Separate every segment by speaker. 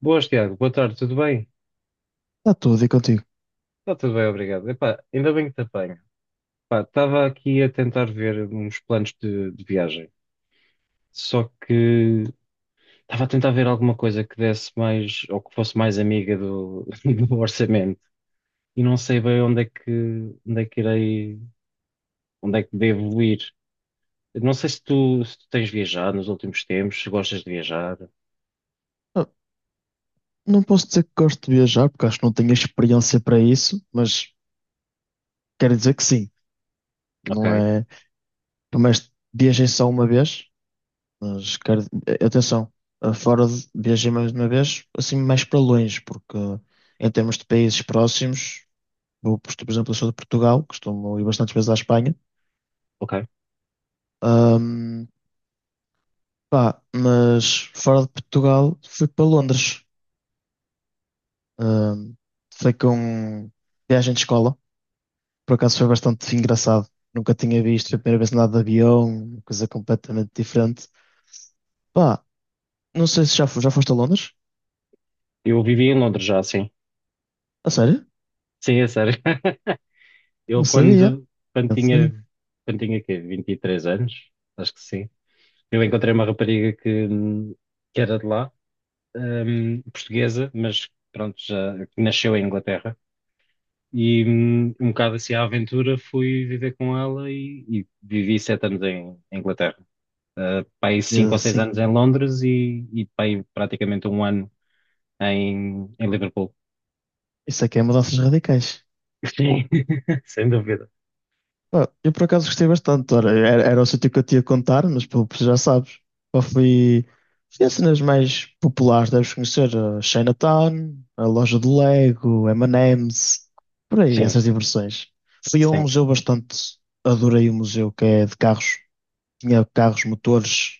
Speaker 1: Boas, Tiago. Boa tarde, tudo bem?
Speaker 2: Está tudo, e contigo?
Speaker 1: Está tudo bem, obrigado. Epá, ainda bem que te apanho. Pá, estava aqui a tentar ver uns planos de viagem, só que estava a tentar ver alguma coisa que desse mais, ou que fosse mais amiga do, do orçamento, e não sei bem onde onde é que irei, onde é que devo ir. Não sei se tu tens viajado nos últimos tempos, se gostas de viajar.
Speaker 2: Ah, Não posso dizer que gosto de viajar, porque acho que não tenho experiência para isso, mas quero dizer que sim.
Speaker 1: Ok,
Speaker 2: Não é. Por mais menos viajei só uma vez, mas quero. Atenção, fora de viajei mais uma vez, assim, mais para longe, porque em termos de países próximos, vou, por exemplo, eu sou de Portugal, costumo ir bastantes vezes à Espanha.
Speaker 1: ok.
Speaker 2: Ahm, Pá, mas fora de Portugal, fui para Londres. Ahm, Foi com viagem de escola. Por acaso foi bastante engraçado. Nunca tinha visto, foi a primeira vez que andava de avião, uma coisa completamente diferente. Pá, não sei se já, já foste a Londres?
Speaker 1: Eu vivi em Londres já, sim.
Speaker 2: A sério?
Speaker 1: Sim, é sério. Eu
Speaker 2: Não sabia.
Speaker 1: quando, quando
Speaker 2: Não sabia.
Speaker 1: tinha, quando tinha quê? 23 anos, acho que sim, eu encontrei uma rapariga que era de lá, portuguesa, mas pronto, já que nasceu em Inglaterra. E um bocado assim à aventura fui viver com ela e vivi sete anos em Inglaterra. Pai
Speaker 2: E
Speaker 1: cinco ou
Speaker 2: eu,
Speaker 1: seis
Speaker 2: sim,
Speaker 1: anos em Londres e pai praticamente um ano em Liverpool.
Speaker 2: isso aqui é mudanças radicais.
Speaker 1: Sim, sem dúvida.
Speaker 2: Pá, eu por acaso gostei bastante. Ora, era, era o sítio que eu te ia contar, mas pô, já sabes. Pá, fui a cenas mais populares, deves conhecer a Chinatown, a loja de Lego, M&M's, por aí,
Speaker 1: Sim,
Speaker 2: essas diversões. Fui a um
Speaker 1: sim.
Speaker 2: museu bastante. Adorei o museu que é de carros. Tinha carros, motores,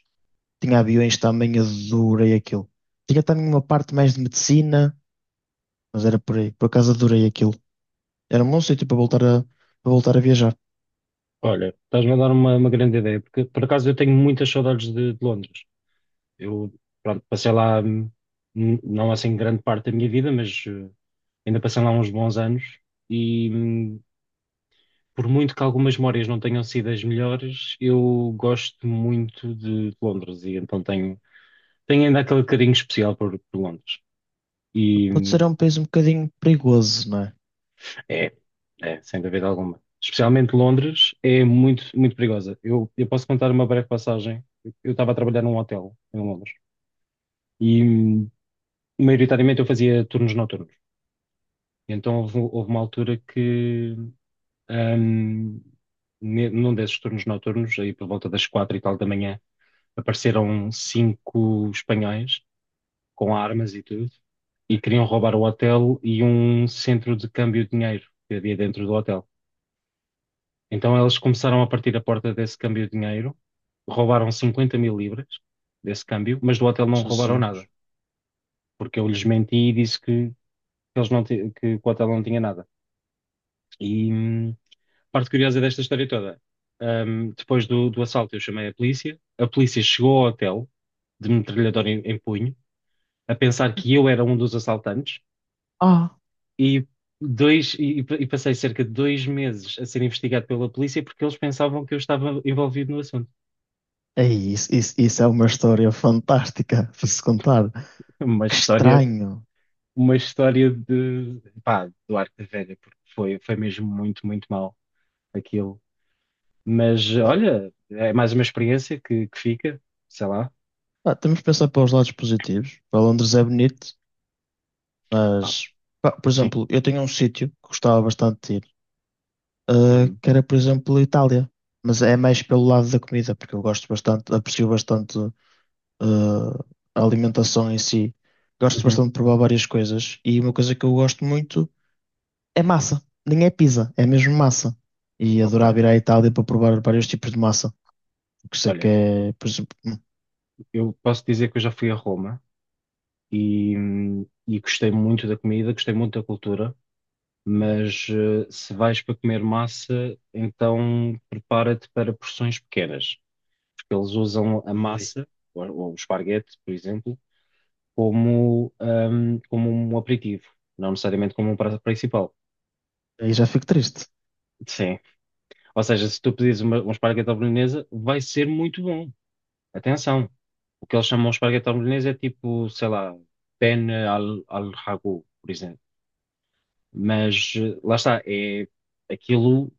Speaker 2: tinha aviões também, adorei aquilo. Tinha também uma parte mais de medicina, mas era por aí. Por acaso adorei aquilo. Era um bom sítio para voltar a, Para voltar a viajar.
Speaker 1: Olha, estás-me a dar uma grande ideia, porque por acaso eu tenho muitas saudades de Londres. Eu, pronto, passei lá, não assim grande parte da minha vida, mas ainda passei lá uns bons anos e por muito que algumas memórias não tenham sido as melhores, eu gosto muito de Londres e então tenho, tenho ainda aquele carinho especial por Londres. E,
Speaker 2: Pode ser
Speaker 1: hum,
Speaker 2: um país um bocadinho perigoso, não é?
Speaker 1: É, é, sem dúvida alguma. Especialmente Londres é muito, muito perigosa. Eu posso contar uma breve passagem. Eu estava a trabalhar num hotel em Londres e maioritariamente, eu fazia turnos noturnos. E então, houve uma altura que, hum, num desses turnos noturnos, aí por volta das quatro e tal da manhã, apareceram cinco espanhóis com armas e tudo e queriam roubar o hotel e um centro de câmbio de dinheiro que havia dentro do hotel. Então elas começaram a partir a porta desse câmbio de dinheiro, roubaram 50 mil libras desse câmbio, mas do hotel não roubaram nada,
Speaker 2: Jesus.
Speaker 1: porque eu lhes menti e disse que eles não ti- que o hotel não tinha nada. E parte curiosa desta história toda, depois do assalto eu chamei a polícia chegou ao hotel, de metralhadora em punho, a pensar que eu era um dos assaltantes
Speaker 2: Ah,
Speaker 1: e... e passei cerca de dois meses a ser investigado pela polícia porque eles pensavam que eu estava envolvido no assunto.
Speaker 2: isso é uma história fantástica para se contar.
Speaker 1: Uma
Speaker 2: Que
Speaker 1: história
Speaker 2: estranho.
Speaker 1: uma história de, pá, do Arco Velha, porque foi, foi mesmo muito, muito mal aquilo. Mas olha, é mais uma experiência que fica, sei lá.
Speaker 2: Ah, temos de pensar para os lados positivos. Para Londres é bonito,
Speaker 1: Pá,
Speaker 2: mas, pá, por
Speaker 1: sim.
Speaker 2: exemplo, eu tenho um sítio que gostava bastante de ir.
Speaker 1: Uhum,
Speaker 2: Que era, por exemplo, a Itália. Mas é mais pelo lado da comida, porque eu gosto bastante, aprecio bastante a alimentação em si. Gosto
Speaker 1: uhum,
Speaker 2: bastante de provar várias coisas. E uma coisa que eu gosto muito é massa. Nem é pizza, é mesmo massa. E adorava
Speaker 1: ok.
Speaker 2: ir à Itália para provar vários tipos de massa. Porque sei que
Speaker 1: Olha,
Speaker 2: é, por exemplo,
Speaker 1: eu posso dizer que eu já fui a Roma e e gostei muito da comida, gostei muito da cultura, mas se vais para comer massa, então prepara-te para porções pequenas, porque eles usam a
Speaker 2: ui,
Speaker 1: massa, ou o esparguete, por exemplo como, como um aperitivo, não necessariamente como um prato principal.
Speaker 2: aí já fico triste.
Speaker 1: Sim. Ou seja, se tu pedires um esparguete à bolonhesa, vai ser muito bom. Atenção. O que eles chamam de esparguete à bolonhesa é tipo, sei lá, al ragu, por exemplo. Mas lá está, é, aquilo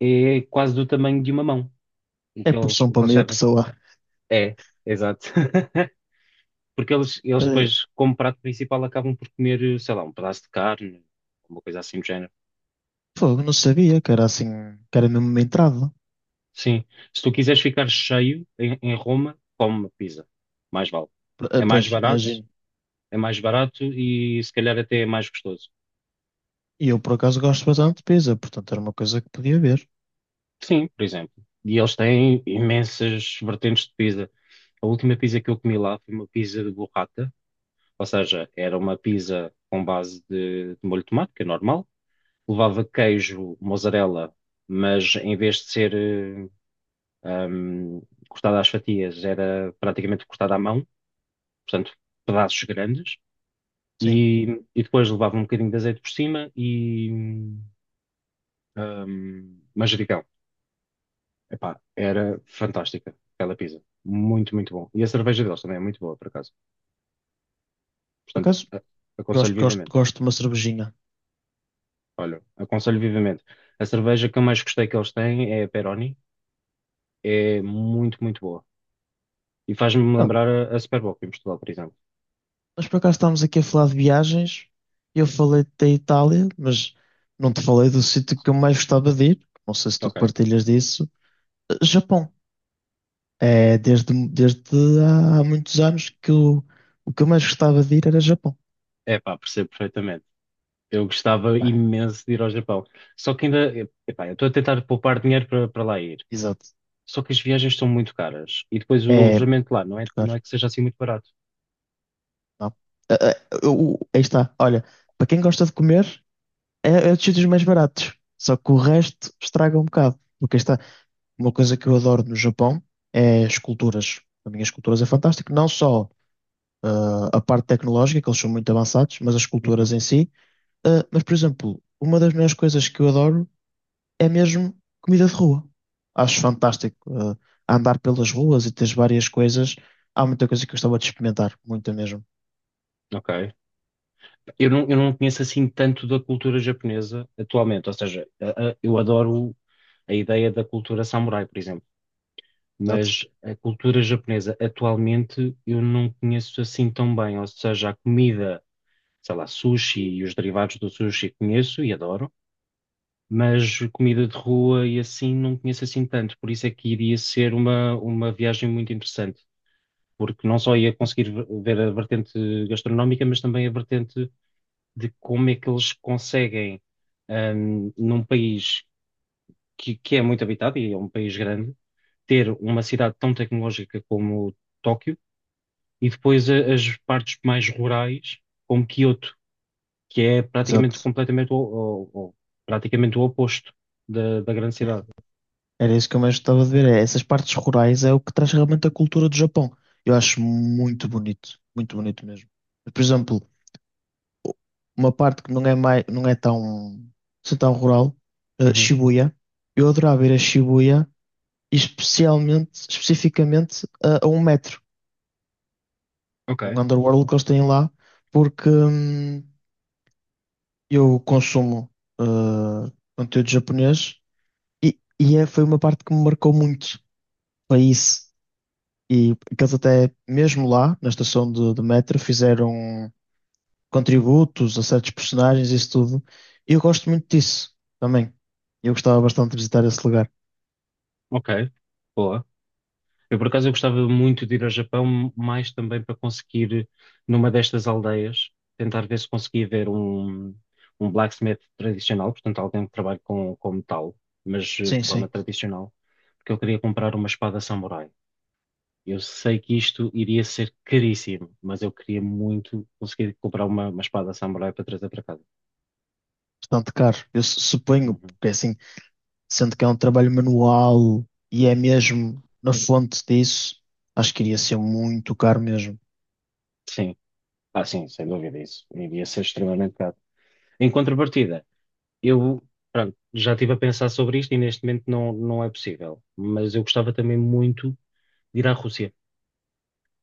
Speaker 1: é quase do tamanho de uma mão, o
Speaker 2: É
Speaker 1: que
Speaker 2: porção para
Speaker 1: eles
Speaker 2: meia
Speaker 1: servem.
Speaker 2: pessoa.
Speaker 1: É, exato. Porque eles
Speaker 2: Uh,
Speaker 1: depois, como prato principal, acabam por comer, sei lá, um pedaço de carne, uma coisa assim do género.
Speaker 2: Fogo, não sabia que era assim, que era mesmo uma entrada.
Speaker 1: Sim. Se tu quiseres ficar cheio em Roma, come uma pizza. Mais vale. É mais
Speaker 2: Pois,
Speaker 1: barato,
Speaker 2: imagino.
Speaker 1: é mais barato e se calhar até é mais gostoso.
Speaker 2: E eu, por acaso, gosto bastante de pizza, portanto era uma coisa que podia ver.
Speaker 1: Sim, por exemplo. E eles têm imensas vertentes de pizza. A última pizza que eu comi lá foi uma pizza de burrata, ou seja, era uma pizza com base de molho de tomate, que é normal. Levava queijo, mozzarella, mas em vez de ser eh, hum, cortada às fatias, era praticamente cortada à mão, portanto, pedaços grandes
Speaker 2: Sim,
Speaker 1: e, e depois levava um bocadinho de azeite por cima e manjericão. Epá, era fantástica aquela pizza. Muito, muito bom. E a cerveja deles também é muito boa, por acaso.
Speaker 2: por
Speaker 1: Portanto,
Speaker 2: acaso,
Speaker 1: a- aconselho
Speaker 2: gosto, gosto,
Speaker 1: vivamente.
Speaker 2: gosto de uma cervejinha.
Speaker 1: Olha, aconselho vivamente. A cerveja que eu mais gostei que eles têm é a Peroni. É muito, muito boa. E faz-me
Speaker 2: Ah,
Speaker 1: lembrar a Super em Portugal, por exemplo.
Speaker 2: mas por acaso estamos aqui a falar de viagens. Eu falei da Itália, mas não te falei do sítio que eu mais gostava de ir. Não sei se tu
Speaker 1: Ok.
Speaker 2: partilhas disso. Eh, Japão. É desde há muitos anos que eu, o que eu mais gostava de ir era Japão.
Speaker 1: Epá, percebo perfeitamente. Eu gostava
Speaker 2: Pá,
Speaker 1: imenso de ir ao Japão. Só que ainda, epá, eu estou a tentar poupar dinheiro para para lá ir.
Speaker 2: exato.
Speaker 1: Só que as viagens são muito caras e depois o
Speaker 2: É,
Speaker 1: alojamento lá não é, não
Speaker 2: claro,
Speaker 1: é que seja assim muito barato.
Speaker 2: não. Aí está. Olha, para quem gosta de comer. É, é dos sítios mais baratos. Só que o resto estraga um bocado. Porque aí está uma coisa que eu adoro no Japão é esculturas. Para mim, as esculturas é fantástico. Não só a parte tecnológica, que eles são muito avançados, mas as
Speaker 1: Uhum.
Speaker 2: esculturas em si. Ah, mas, por exemplo, uma das melhores coisas que eu adoro é mesmo comida de rua. Acho fantástico, andar pelas ruas e teres várias coisas. Há muita coisa que eu gostava de experimentar. Muita mesmo.
Speaker 1: Ok. Eu não conheço assim tanto da cultura japonesa atualmente, ou seja, eu adoro a ideia da cultura samurai, por exemplo,
Speaker 2: Exato.
Speaker 1: mas a cultura japonesa atualmente eu não conheço assim tão bem, ou seja, a comida, sei lá, sushi e os derivados do sushi conheço e adoro, mas comida de rua e assim não conheço assim tanto, por isso é que iria ser uma viagem muito interessante. Porque não só ia conseguir ver a vertente gastronómica, mas também a vertente de como é que eles conseguem, num país que é muito habitado e é um país grande, ter uma cidade tão tecnológica como Tóquio e depois as partes mais rurais, como Kyoto que é praticamente
Speaker 2: Exato.
Speaker 1: completamente praticamente o oposto da grande cidade.
Speaker 2: Era isso que eu mais gostava de ver. É, essas partes rurais é o que traz realmente a cultura do Japão. Eu acho muito bonito mesmo. Por exemplo, uma parte que não é mais, não é tão, assim tão rural, eh,
Speaker 1: Uhum.
Speaker 2: Shibuya. Eu adorava ir a Shibuya, especificamente a um metro,
Speaker 1: Ok,
Speaker 2: um underworld que eles têm lá, porque eu consumo eh, conteúdo japonês e é, foi uma parte que me marcou muito. Foi isso. E que eles até, mesmo lá, na estação de metro, fizeram contributos a certos personagens e isso tudo. E eu gosto muito disso também. Eu gostava bastante de visitar esse lugar.
Speaker 1: ok, boa. Eu, por acaso, eu gostava muito de ir ao Japão, mais também para conseguir, numa destas aldeias, tentar ver se conseguia ver um blacksmith tradicional, portanto, alguém que trabalhe com metal, mas de
Speaker 2: Sim,
Speaker 1: forma
Speaker 2: sim.
Speaker 1: tradicional, porque eu queria comprar uma espada samurai. Eu sei que isto iria ser caríssimo, mas eu queria muito conseguir comprar uma espada samurai para trazer para casa.
Speaker 2: Bastante caro. Eu suponho,
Speaker 1: Uhum.
Speaker 2: porque assim, sendo que é um trabalho manual e é mesmo na fonte disso, acho que iria ser muito caro mesmo.
Speaker 1: Sim, ah, sim, sem dúvida isso. Iria ser extremamente caro. Em contrapartida, eu, pronto, já estive a pensar sobre isto e neste momento não, não é possível. Mas eu gostava também muito de ir à Rússia.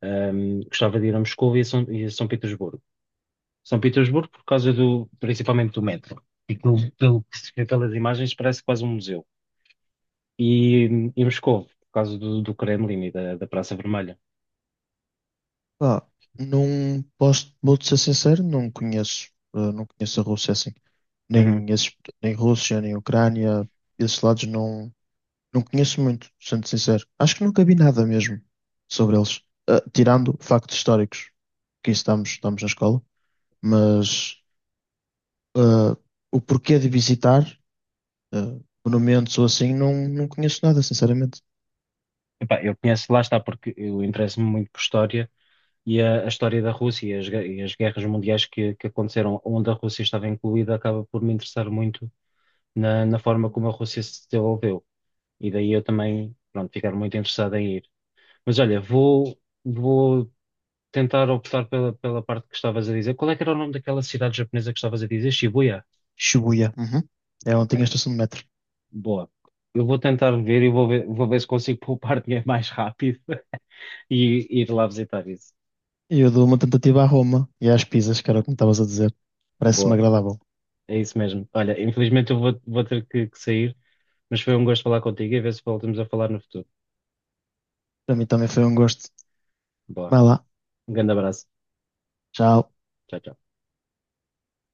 Speaker 1: Gostava de ir a Moscou e a São Petersburgo. São Petersburgo por causa do, principalmente do metro. E pelo que se vê pelas imagens parece quase um museu. E, e Moscou por causa do Kremlin e da Praça Vermelha.
Speaker 2: Pá, não posso, vou-te ser sincero, não conheço. Não conheço a Rússia assim.
Speaker 1: Uhum.
Speaker 2: Nem, esses, nem Rússia, nem Ucrânia, esses lados não. Não conheço muito, sendo sincero. Acho que nunca vi nada mesmo sobre eles. Ah, tirando factos históricos, que isso estamos, estamos na escola, mas ah, o porquê de visitar ah, monumentos ou assim, não, não conheço nada, sinceramente.
Speaker 1: Epá, eu conheço, lá está, porque eu interesso-me muito por história e a história da Rússia e as guerras mundiais que aconteceram onde a Rússia estava incluída acaba por me interessar muito na forma como a Rússia se desenvolveu. E daí eu também, pronto, ficar muito interessado em ir. Mas olha, vou, vou tentar optar pela parte que estavas a dizer. Qual é que era o nome daquela cidade japonesa que estavas a dizer? Shibuya?
Speaker 2: Shibuya, uhum. É onde tem a
Speaker 1: Ok,
Speaker 2: estação de metro.
Speaker 1: boa. Eu vou tentar ver e vou ver se consigo poupar dinheiro mais rápido e ir lá visitar isso.
Speaker 2: E eu dou uma tentativa à Roma e às pizzas, que era o que me estavas a dizer. Parece-me
Speaker 1: Boa,
Speaker 2: agradável.
Speaker 1: é isso mesmo. Olha, infelizmente eu vou, vou ter que sair, mas foi um gosto falar contigo e ver se voltamos a falar no futuro.
Speaker 2: Para mim também foi um gosto.
Speaker 1: Boa,
Speaker 2: Vai lá,
Speaker 1: um grande abraço.
Speaker 2: tchau.
Speaker 1: Tchau, tchau.